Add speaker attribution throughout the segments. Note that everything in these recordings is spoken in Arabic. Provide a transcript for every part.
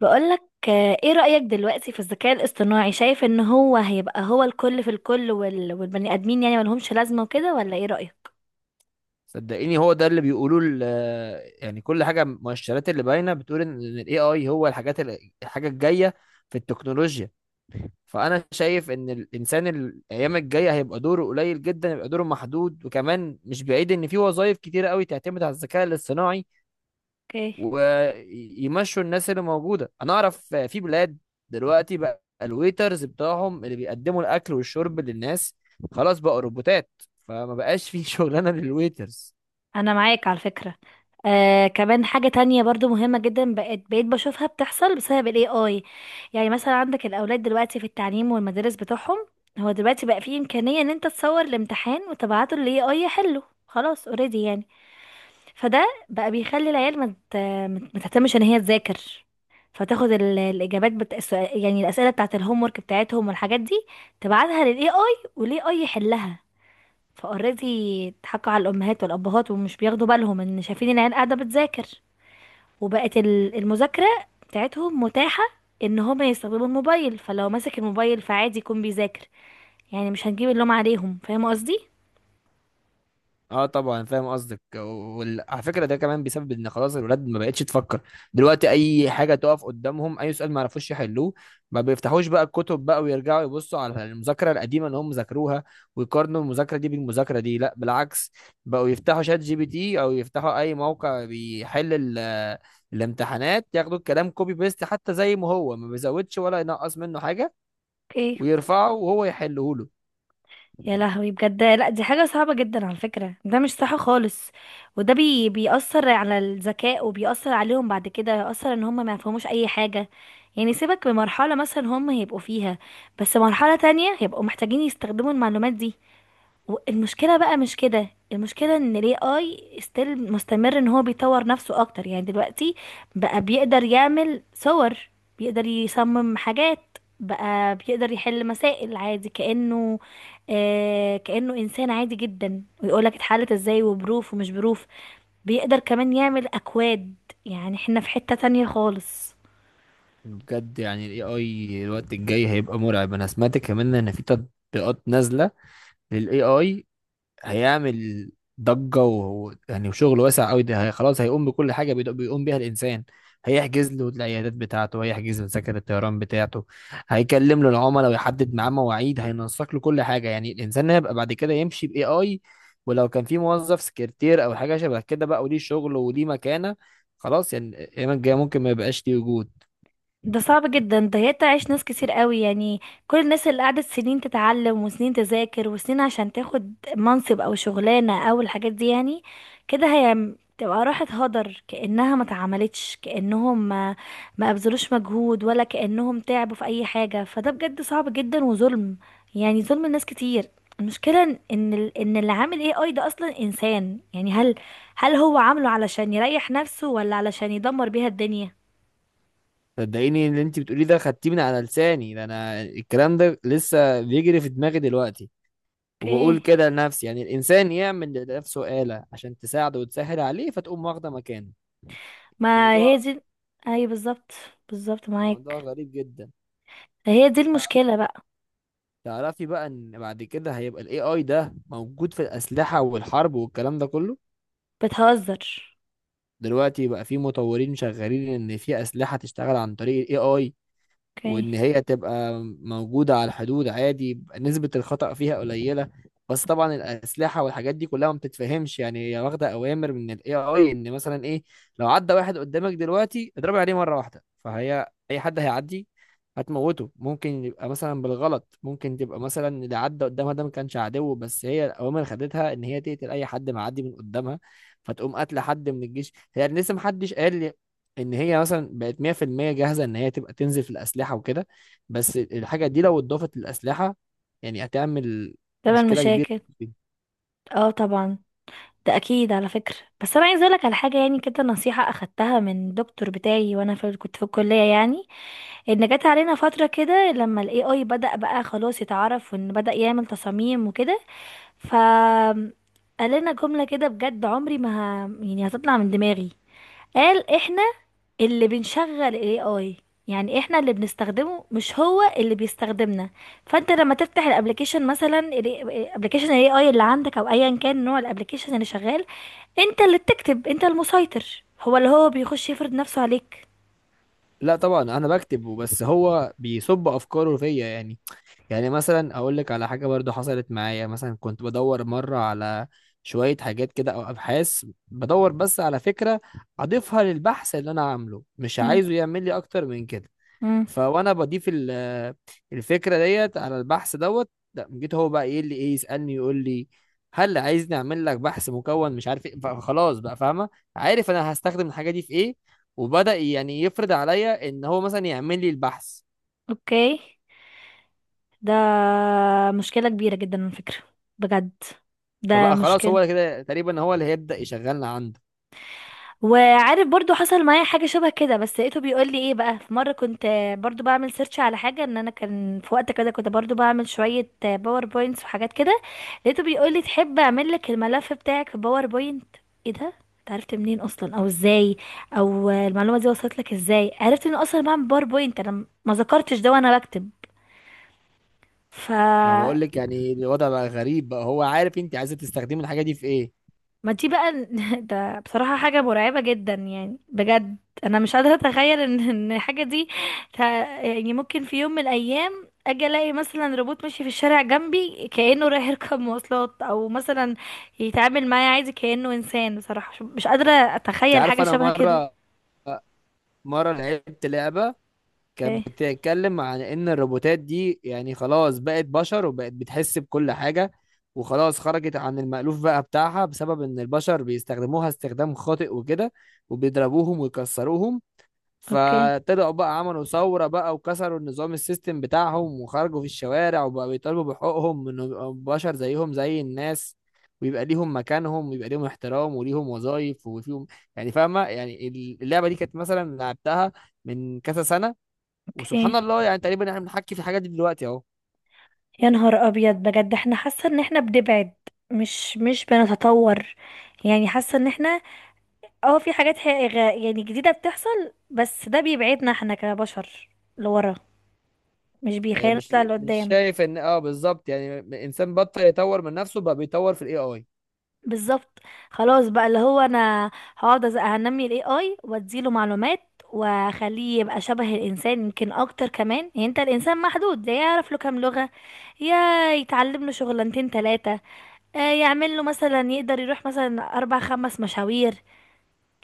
Speaker 1: بقولك. ايه رأيك دلوقتي في الذكاء الاصطناعي؟ شايف ان هو هيبقى الكل في الكل والبني ادمين يعني ملهمش لازمة وكده، ولا ايه رأيك؟
Speaker 2: صدقيني، هو ده اللي بيقولوه يعني كل حاجه، المؤشرات اللي باينه بتقول ان الاي اي هو الحاجات الحاجه الجايه في التكنولوجيا. فانا شايف ان الانسان الايام الجايه هيبقى دوره قليل جدا، يبقى دوره محدود، وكمان مش بعيد ان في وظائف كتيره قوي تعتمد على الذكاء الاصطناعي
Speaker 1: اوكي،
Speaker 2: ويمشوا الناس اللي موجوده. انا اعرف في بلاد دلوقتي بقى الويترز بتاعهم اللي بيقدموا الاكل والشرب للناس خلاص بقى روبوتات، فما بقاش في شغلانه للويترز.
Speaker 1: انا معاك على فكرة. كمان حاجة تانية برضو مهمة جدا بقيت بشوفها بتحصل بسبب الاي اي. يعني مثلا عندك الاولاد دلوقتي في التعليم والمدارس بتوعهم، هو دلوقتي بقى فيه امكانية ان انت تصور الامتحان وتبعته للاي اي يحله، خلاص اوريدي يعني. فده بقى بيخلي العيال ما مت... مت... متهتمش ان هي تذاكر، فتاخد الاجابات يعني الاسئله بتاعت الهوم ورك بتاعتهم والحاجات دي، تبعتها للاي اي والاي اي يحلها، فاوريدي اتحكوا على الامهات والابهات ومش بياخدوا بالهم ان شايفين العيال قاعده بتذاكر. وبقت المذاكره بتاعتهم متاحه ان هما يستخدموا الموبايل، فلو ماسك الموبايل فعادي يكون بيذاكر، يعني مش هنجيب اللوم عليهم، فاهمه قصدي.
Speaker 2: اه، طبعا فاهم قصدك، وعلى فكره ده كمان بسبب ان خلاص الولاد ما بقتش تفكر. دلوقتي اي حاجه تقف قدامهم، اي سؤال ما يعرفوش يحلوه، ما بيفتحوش بقى الكتب بقى ويرجعوا يبصوا على المذاكره القديمه اللي هم ذاكروها ويقارنوا المذاكره دي بالمذاكره دي، لا بالعكس، بقوا يفتحوا شات جي بي تي او يفتحوا اي موقع بيحل الامتحانات، ياخدوا الكلام كوبي بيست حتى زي ما هو، ما بيزودش ولا ينقص منه حاجه، ويرفعه وهو يحله له.
Speaker 1: يا لهوي بجد، لا دي حاجة صعبة جدا على فكرة، ده مش صح خالص. وده بيأثر على الذكاء وبيأثر عليهم بعد كده، يأثر ان هم ما يفهموش اي حاجة. يعني سيبك بمرحلة مثلا هم هيبقوا فيها، بس مرحلة تانية هيبقوا محتاجين يستخدموا المعلومات دي. المشكله بقى مش كده، المشكله ان الاي اي ستيل مستمر ان هو بيطور نفسه اكتر. يعني دلوقتي بقى بيقدر يعمل صور، بيقدر يصمم حاجات، بقى بيقدر يحل مسائل عادي كأنه، كأنه إنسان عادي جدا، ويقولك اتحلت ازاي وبروف ومش بروف، بيقدر كمان يعمل أكواد. يعني احنا في حتة تانية خالص.
Speaker 2: بجد يعني الاي اي الوقت الجاي هيبقى مرعب. انا سمعت كمان ان في تطبيقات نازله للاي اي، هيعمل ضجه يعني وشغل واسع قوي. ده هي خلاص هيقوم بكل حاجه بيقوم بيها الانسان. هيحجز له العيادات بتاعته، هيحجز له تذاكر الطيران بتاعته، هيكلم له العملاء ويحدد معاه مواعيد، هينسق له كل حاجه. يعني الانسان هيبقى بعد كده يمشي باي اي. ولو كان في موظف سكرتير او حاجه شبه كده بقى، وليه شغل وليه مكانه، خلاص يعني الايام الجايه ممكن ما يبقاش ليه وجود.
Speaker 1: ده صعب جدا، ده هيتعش ناس كتير قوي يعني. كل الناس اللي قعدت سنين تتعلم وسنين تذاكر وسنين عشان تاخد منصب او شغلانة او الحاجات دي، يعني كده هي تبقى راحت هدر كأنها ما اتعملتش، كأنهم ما ابذلوش مجهود، ولا كأنهم تعبوا في اي حاجة. فده بجد صعب جدا وظلم، يعني ظلم الناس كتير. المشكلة إن اللي عامل ايه اي ده اصلا انسان، يعني هل، هل هو عامله علشان يريح نفسه، ولا علشان يدمر بيها الدنيا؟
Speaker 2: صدقيني اللي انت بتقوليه ده خدتيه من على لساني. ده انا الكلام ده لسه بيجري في دماغي دلوقتي، وبقول
Speaker 1: اوكي.
Speaker 2: كده لنفسي. يعني الانسان يعمل لنفسه آلة عشان تساعده وتسهل عليه، فتقوم واخده مكانه.
Speaker 1: ما
Speaker 2: موضوع
Speaker 1: هي دي. اي بالظبط، بالظبط معاك.
Speaker 2: موضوع غريب جدا.
Speaker 1: هي دي المشكلة بقى.
Speaker 2: تعرفي بقى ان بعد كده هيبقى الاي اي ده موجود في الاسلحه والحرب والكلام ده كله.
Speaker 1: بتهزر.
Speaker 2: دلوقتي بقى في مطورين شغالين ان في اسلحه تشتغل عن طريق الاي اي،
Speaker 1: اوكي.
Speaker 2: وان هي تبقى موجودة على الحدود عادي، يبقى نسبة الخطأ فيها قليلة. بس طبعا الأسلحة والحاجات دي كلها ما بتتفهمش. يعني هي واخدة أوامر من ال AI، إن مثلا إيه، لو عدى واحد قدامك دلوقتي اضربي عليه مرة واحدة، فهي أي حد هيعدي هتموته. ممكن يبقى مثلا بالغلط، ممكن تبقى مثلا اللي عدى قدامها ده ما كانش عدو، بس هي الأوامر خدتها إن هي تقتل أي حد معدي من قدامها، فتقوم قاتلة حد من الجيش. هي لسه محدش قال ان هي مثلا بقت 100% جاهزه ان هي تبقى تنزل في الاسلحه وكده، بس الحاجه دي لو اتضافت للاسلحه يعني هتعمل
Speaker 1: طبعا
Speaker 2: مشكله كبيره.
Speaker 1: مشاكل. اه طبعا، ده اكيد على فكرة. بس انا عايزة اقولك على حاجة، يعني كده نصيحة اخدتها من دكتور بتاعي وانا كنت في الكلية يعني. ان جت علينا فترة كده لما الاي اي بدأ بقى خلاص يتعرف، وان بدأ يعمل تصاميم وكده، ف، قال لنا جملة كده، بجد عمري ما ه... يعني هتطلع من دماغي. قال احنا اللي بنشغل الاي اي، يعني احنا اللي بنستخدمه، مش هو اللي بيستخدمنا. فانت لما تفتح الابلكيشن مثلا، الابلكيشن الاي اي اللي عندك، او ايا كان نوع الابلكيشن اللي شغال، انت اللي بتكتب، انت المسيطر، هو اللي بيخش يفرض نفسه عليك.
Speaker 2: لا طبعا انا بكتب، بس هو بيصب افكاره فيا. يعني، يعني مثلا اقول لك على حاجه برضو حصلت معايا. مثلا كنت بدور مره على شويه حاجات كده او ابحاث، بدور بس على فكره اضيفها للبحث اللي انا عامله، مش
Speaker 1: مم.
Speaker 2: عايزه يعمل لي اكتر من كده.
Speaker 1: مم.
Speaker 2: فوانا بضيف الفكره ديت على البحث دوت، لا جيت هو بقى ايه اللي ايه، يسالني يقول لي هل عايزني اعمل لك بحث مكون مش عارف ايه. فخلاص بقى فاهمه، عارف انا هستخدم الحاجه دي في ايه، وبدا يعني يفرض عليا ان هو مثلا يعمل لي البحث.
Speaker 1: اوكي. ده مشكلة كبيرة جدا على فكرة، بجد ده
Speaker 2: فبقى خلاص
Speaker 1: مشكلة.
Speaker 2: هو كده تقريبا هو اللي هيبدا يشغلنا عنده.
Speaker 1: وعارف برضو حصل معايا حاجة شبه كده، بس لقيته بيقول لي ايه بقى، في مرة كنت برضو بعمل سيرش على حاجة، ان انا كان في وقت كده كنت برضو بعمل شوية باوربوينتس وحاجات كده، لقيته بيقول لي تحب اعمل لك الملف بتاعك في باوربوينت. ايه ده، انت عرفت منين اصلا او ازاي، او المعلومة دي وصلت لك ازاي، عرفت ان اصلا بعمل باوربوينت انا، ما ذكرتش ده وانا بكتب. ف،
Speaker 2: ما بقول لك يعني الوضع بقى غريب بقى، هو عارف انت عايزه تستخدمي الحاجه دي في ايه.
Speaker 1: ما دي بقى ده بصراحة حاجة مرعبة جدا يعني بجد. انا مش قادرة اتخيل ان الحاجة دي، ت- يعني ممكن في يوم من الايام اجي الاقي مثلا روبوت ماشي في الشارع جنبي كأنه رايح يركب مواصلات، او مثلا يتعامل معايا عادي كأنه انسان. بصراحة مش قادرة
Speaker 2: انت
Speaker 1: اتخيل حاجة
Speaker 2: عارفه، انا
Speaker 1: شبه كده.
Speaker 2: مره لعبت لعبه كانت
Speaker 1: اوكي.
Speaker 2: بتتكلم عن ان الروبوتات دي يعني خلاص بقت بشر وبقت بتحس بكل حاجة، وخلاص خرجت عن المألوف بقى بتاعها بسبب ان البشر بيستخدموها استخدام خاطئ وكده وبيضربوهم ويكسروهم،
Speaker 1: اوكي.
Speaker 2: فطلعوا بقى عملوا ثورة بقى وكسروا النظام السيستم بتاعهم وخرجوا في الشوارع وبقى بيطالبوا بحقوقهم انه يبقوا بشر زيهم زي الناس، ويبقى ليهم مكانهم ويبقى ليهم احترام وليهم وظائف وفيهم، يعني فاهمة يعني. اللعبة دي كانت مثلا لعبتها من كذا سنة،
Speaker 1: اوكي.
Speaker 2: وسبحان الله يعني تقريبا احنا بنحكي في الحاجات دي دلوقتي اهو.
Speaker 1: يا نهار ابيض، بجد احنا حاسة ان احنا بنبعد، مش بنتطور. يعني حاسة ان احنا، اه في حاجات حقيقة يعني جديدة بتحصل، بس ده بيبعدنا احنا كبشر لورا، مش بيخلينا
Speaker 2: مش
Speaker 1: نطلع
Speaker 2: مش
Speaker 1: لقدام.
Speaker 2: شايف ان بالظبط. يعني انسان بطل يطور من نفسه، بقى بيطور في الاي اي.
Speaker 1: بالظبط. خلاص بقى، اللي هو انا هقعد هنمي الاي اي واديله معلومات، واخليه يبقى شبه الانسان، يمكن اكتر كمان. يعني انت الانسان محدود، لا يعرف له كام لغة، يا يتعلم له شغلانتين تلاتة، يعمل له مثلا يقدر يروح مثلا اربع خمس مشاوير،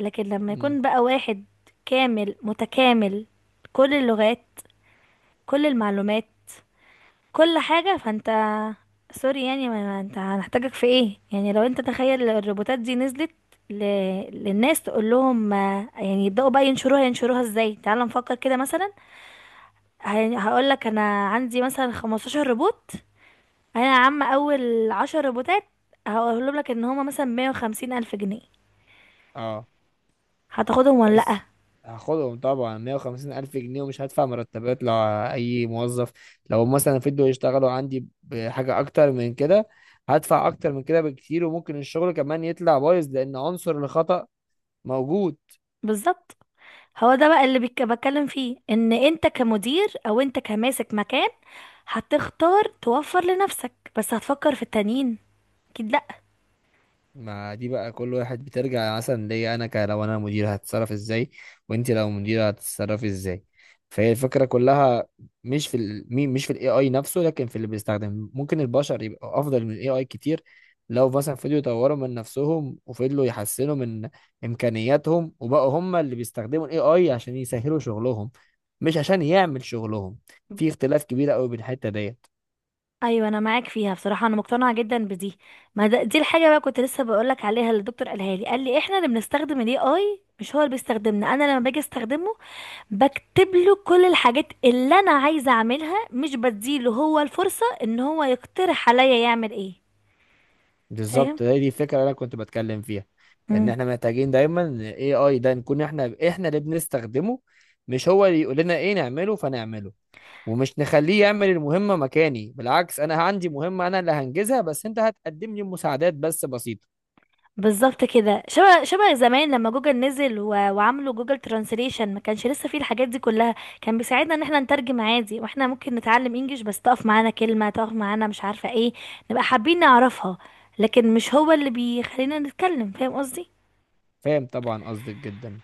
Speaker 1: لكن لما
Speaker 2: امم
Speaker 1: يكون بقى واحد كامل متكامل، كل اللغات، كل المعلومات، كل حاجة، فانت سوري يعني، ما انت هنحتاجك في ايه؟ يعني لو انت تخيل الروبوتات دي نزلت ل... للناس، تقول لهم يعني يبدأوا بقى ينشروها، ينشروها ازاي؟ تعال نفكر كده مثلا، هقول لك انا عندي مثلا 15 روبوت، انا يا عم اول 10 روبوتات هقولهم لك ان هما مثلا 150 الف جنيه،
Speaker 2: اه،
Speaker 1: هتاخدهم ولا لأ؟
Speaker 2: بس هاخدهم طبعا 150 الف جنيه، ومش هدفع مرتبات لاي موظف. لو مثلا فضلوا يشتغلوا عندي بحاجه اكتر من كده هدفع اكتر من كده بكتير، وممكن الشغل كمان يطلع بايظ لان عنصر الخطأ موجود.
Speaker 1: بالظبط، هو ده بقى اللي بتكلم فيه، ان انت كمدير او انت كماسك مكان، هتختار توفر لنفسك، بس هتفكر في التانيين؟ اكيد لا.
Speaker 2: ما دي بقى كل واحد بترجع مثلا ليا انا، لو انا مدير هتتصرف ازاي، وانت لو مدير هتتصرفي ازاي. فهي الفكره كلها مش في الاي اي نفسه، لكن في اللي بيستخدم. ممكن البشر يبقى افضل من الاي اي كتير لو مثلا فضلوا يطوروا من نفسهم وفضلوا يحسنوا من امكانياتهم وبقوا هم اللي بيستخدموا الاي اي عشان يسهلوا شغلهم، مش عشان يعمل شغلهم. في اختلاف كبير قوي بين الحته ديت.
Speaker 1: ايوه انا معاك فيها بصراحه، انا مقتنعه جدا بدي. ما ده دي الحاجه بقى كنت لسه بقولك عليها، اللي الدكتور قالها لي، قال لي احنا اللي بنستخدم الاي اي مش هو اللي بيستخدمنا. انا لما باجي استخدمه، بكتب له كل الحاجات اللي انا عايزه اعملها، مش بديله هو الفرصه ان هو يقترح عليا يعمل ايه. فاهم،
Speaker 2: بالظبط، هي دي الفكره اللي انا كنت بتكلم فيها. ان احنا محتاجين دايما الاي اي ده نكون احنا اللي بنستخدمه، مش هو اللي يقول لنا ايه نعمله فنعمله، ومش نخليه يعمل المهمه مكاني. بالعكس، انا عندي مهمه انا اللي هنجزها، بس انت هتقدم لي مساعدات بس بسيطه.
Speaker 1: بالظبط كده. شبه شبه زمان لما جوجل نزل، وعملوا جوجل ترانسليشن، ما كانش لسه فيه الحاجات دي كلها، كان بيساعدنا ان احنا نترجم عادي، واحنا ممكن نتعلم انجليش، بس تقف معانا كلمة، تقف معانا مش عارفة ايه، نبقى حابين نعرفها، لكن مش هو اللي بيخلينا نتكلم، فاهم قصدي.
Speaker 2: فاهم طبعا قصدك جدا.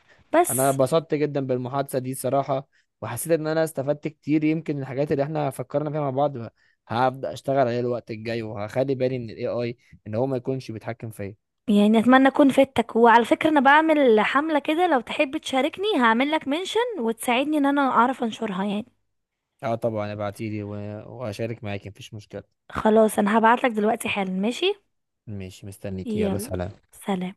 Speaker 2: انا
Speaker 1: بس،
Speaker 2: اتبسطت جدا بالمحادثه دي صراحه، وحسيت ان انا استفدت كتير. يمكن الحاجات اللي احنا فكرنا فيها مع بعض هبدا اشتغل عليها الوقت الجاي، وهخلي بالي من الاي اي ان هو ما يكونش بيتحكم فيا.
Speaker 1: يعني اتمنى اكون فدتك. وعلى فكرة انا بعمل حملة كده، لو تحب تشاركني هعمل لك منشن، وتساعدني ان انا اعرف انشرها يعني.
Speaker 2: اه طبعا ابعتيلي واشارك معاكي، مفيش مشكلة.
Speaker 1: خلاص انا هبعت لك دلوقتي حالا، ماشي؟
Speaker 2: ماشي، مستنيكي، يلا،
Speaker 1: يلا
Speaker 2: سلام.
Speaker 1: سلام.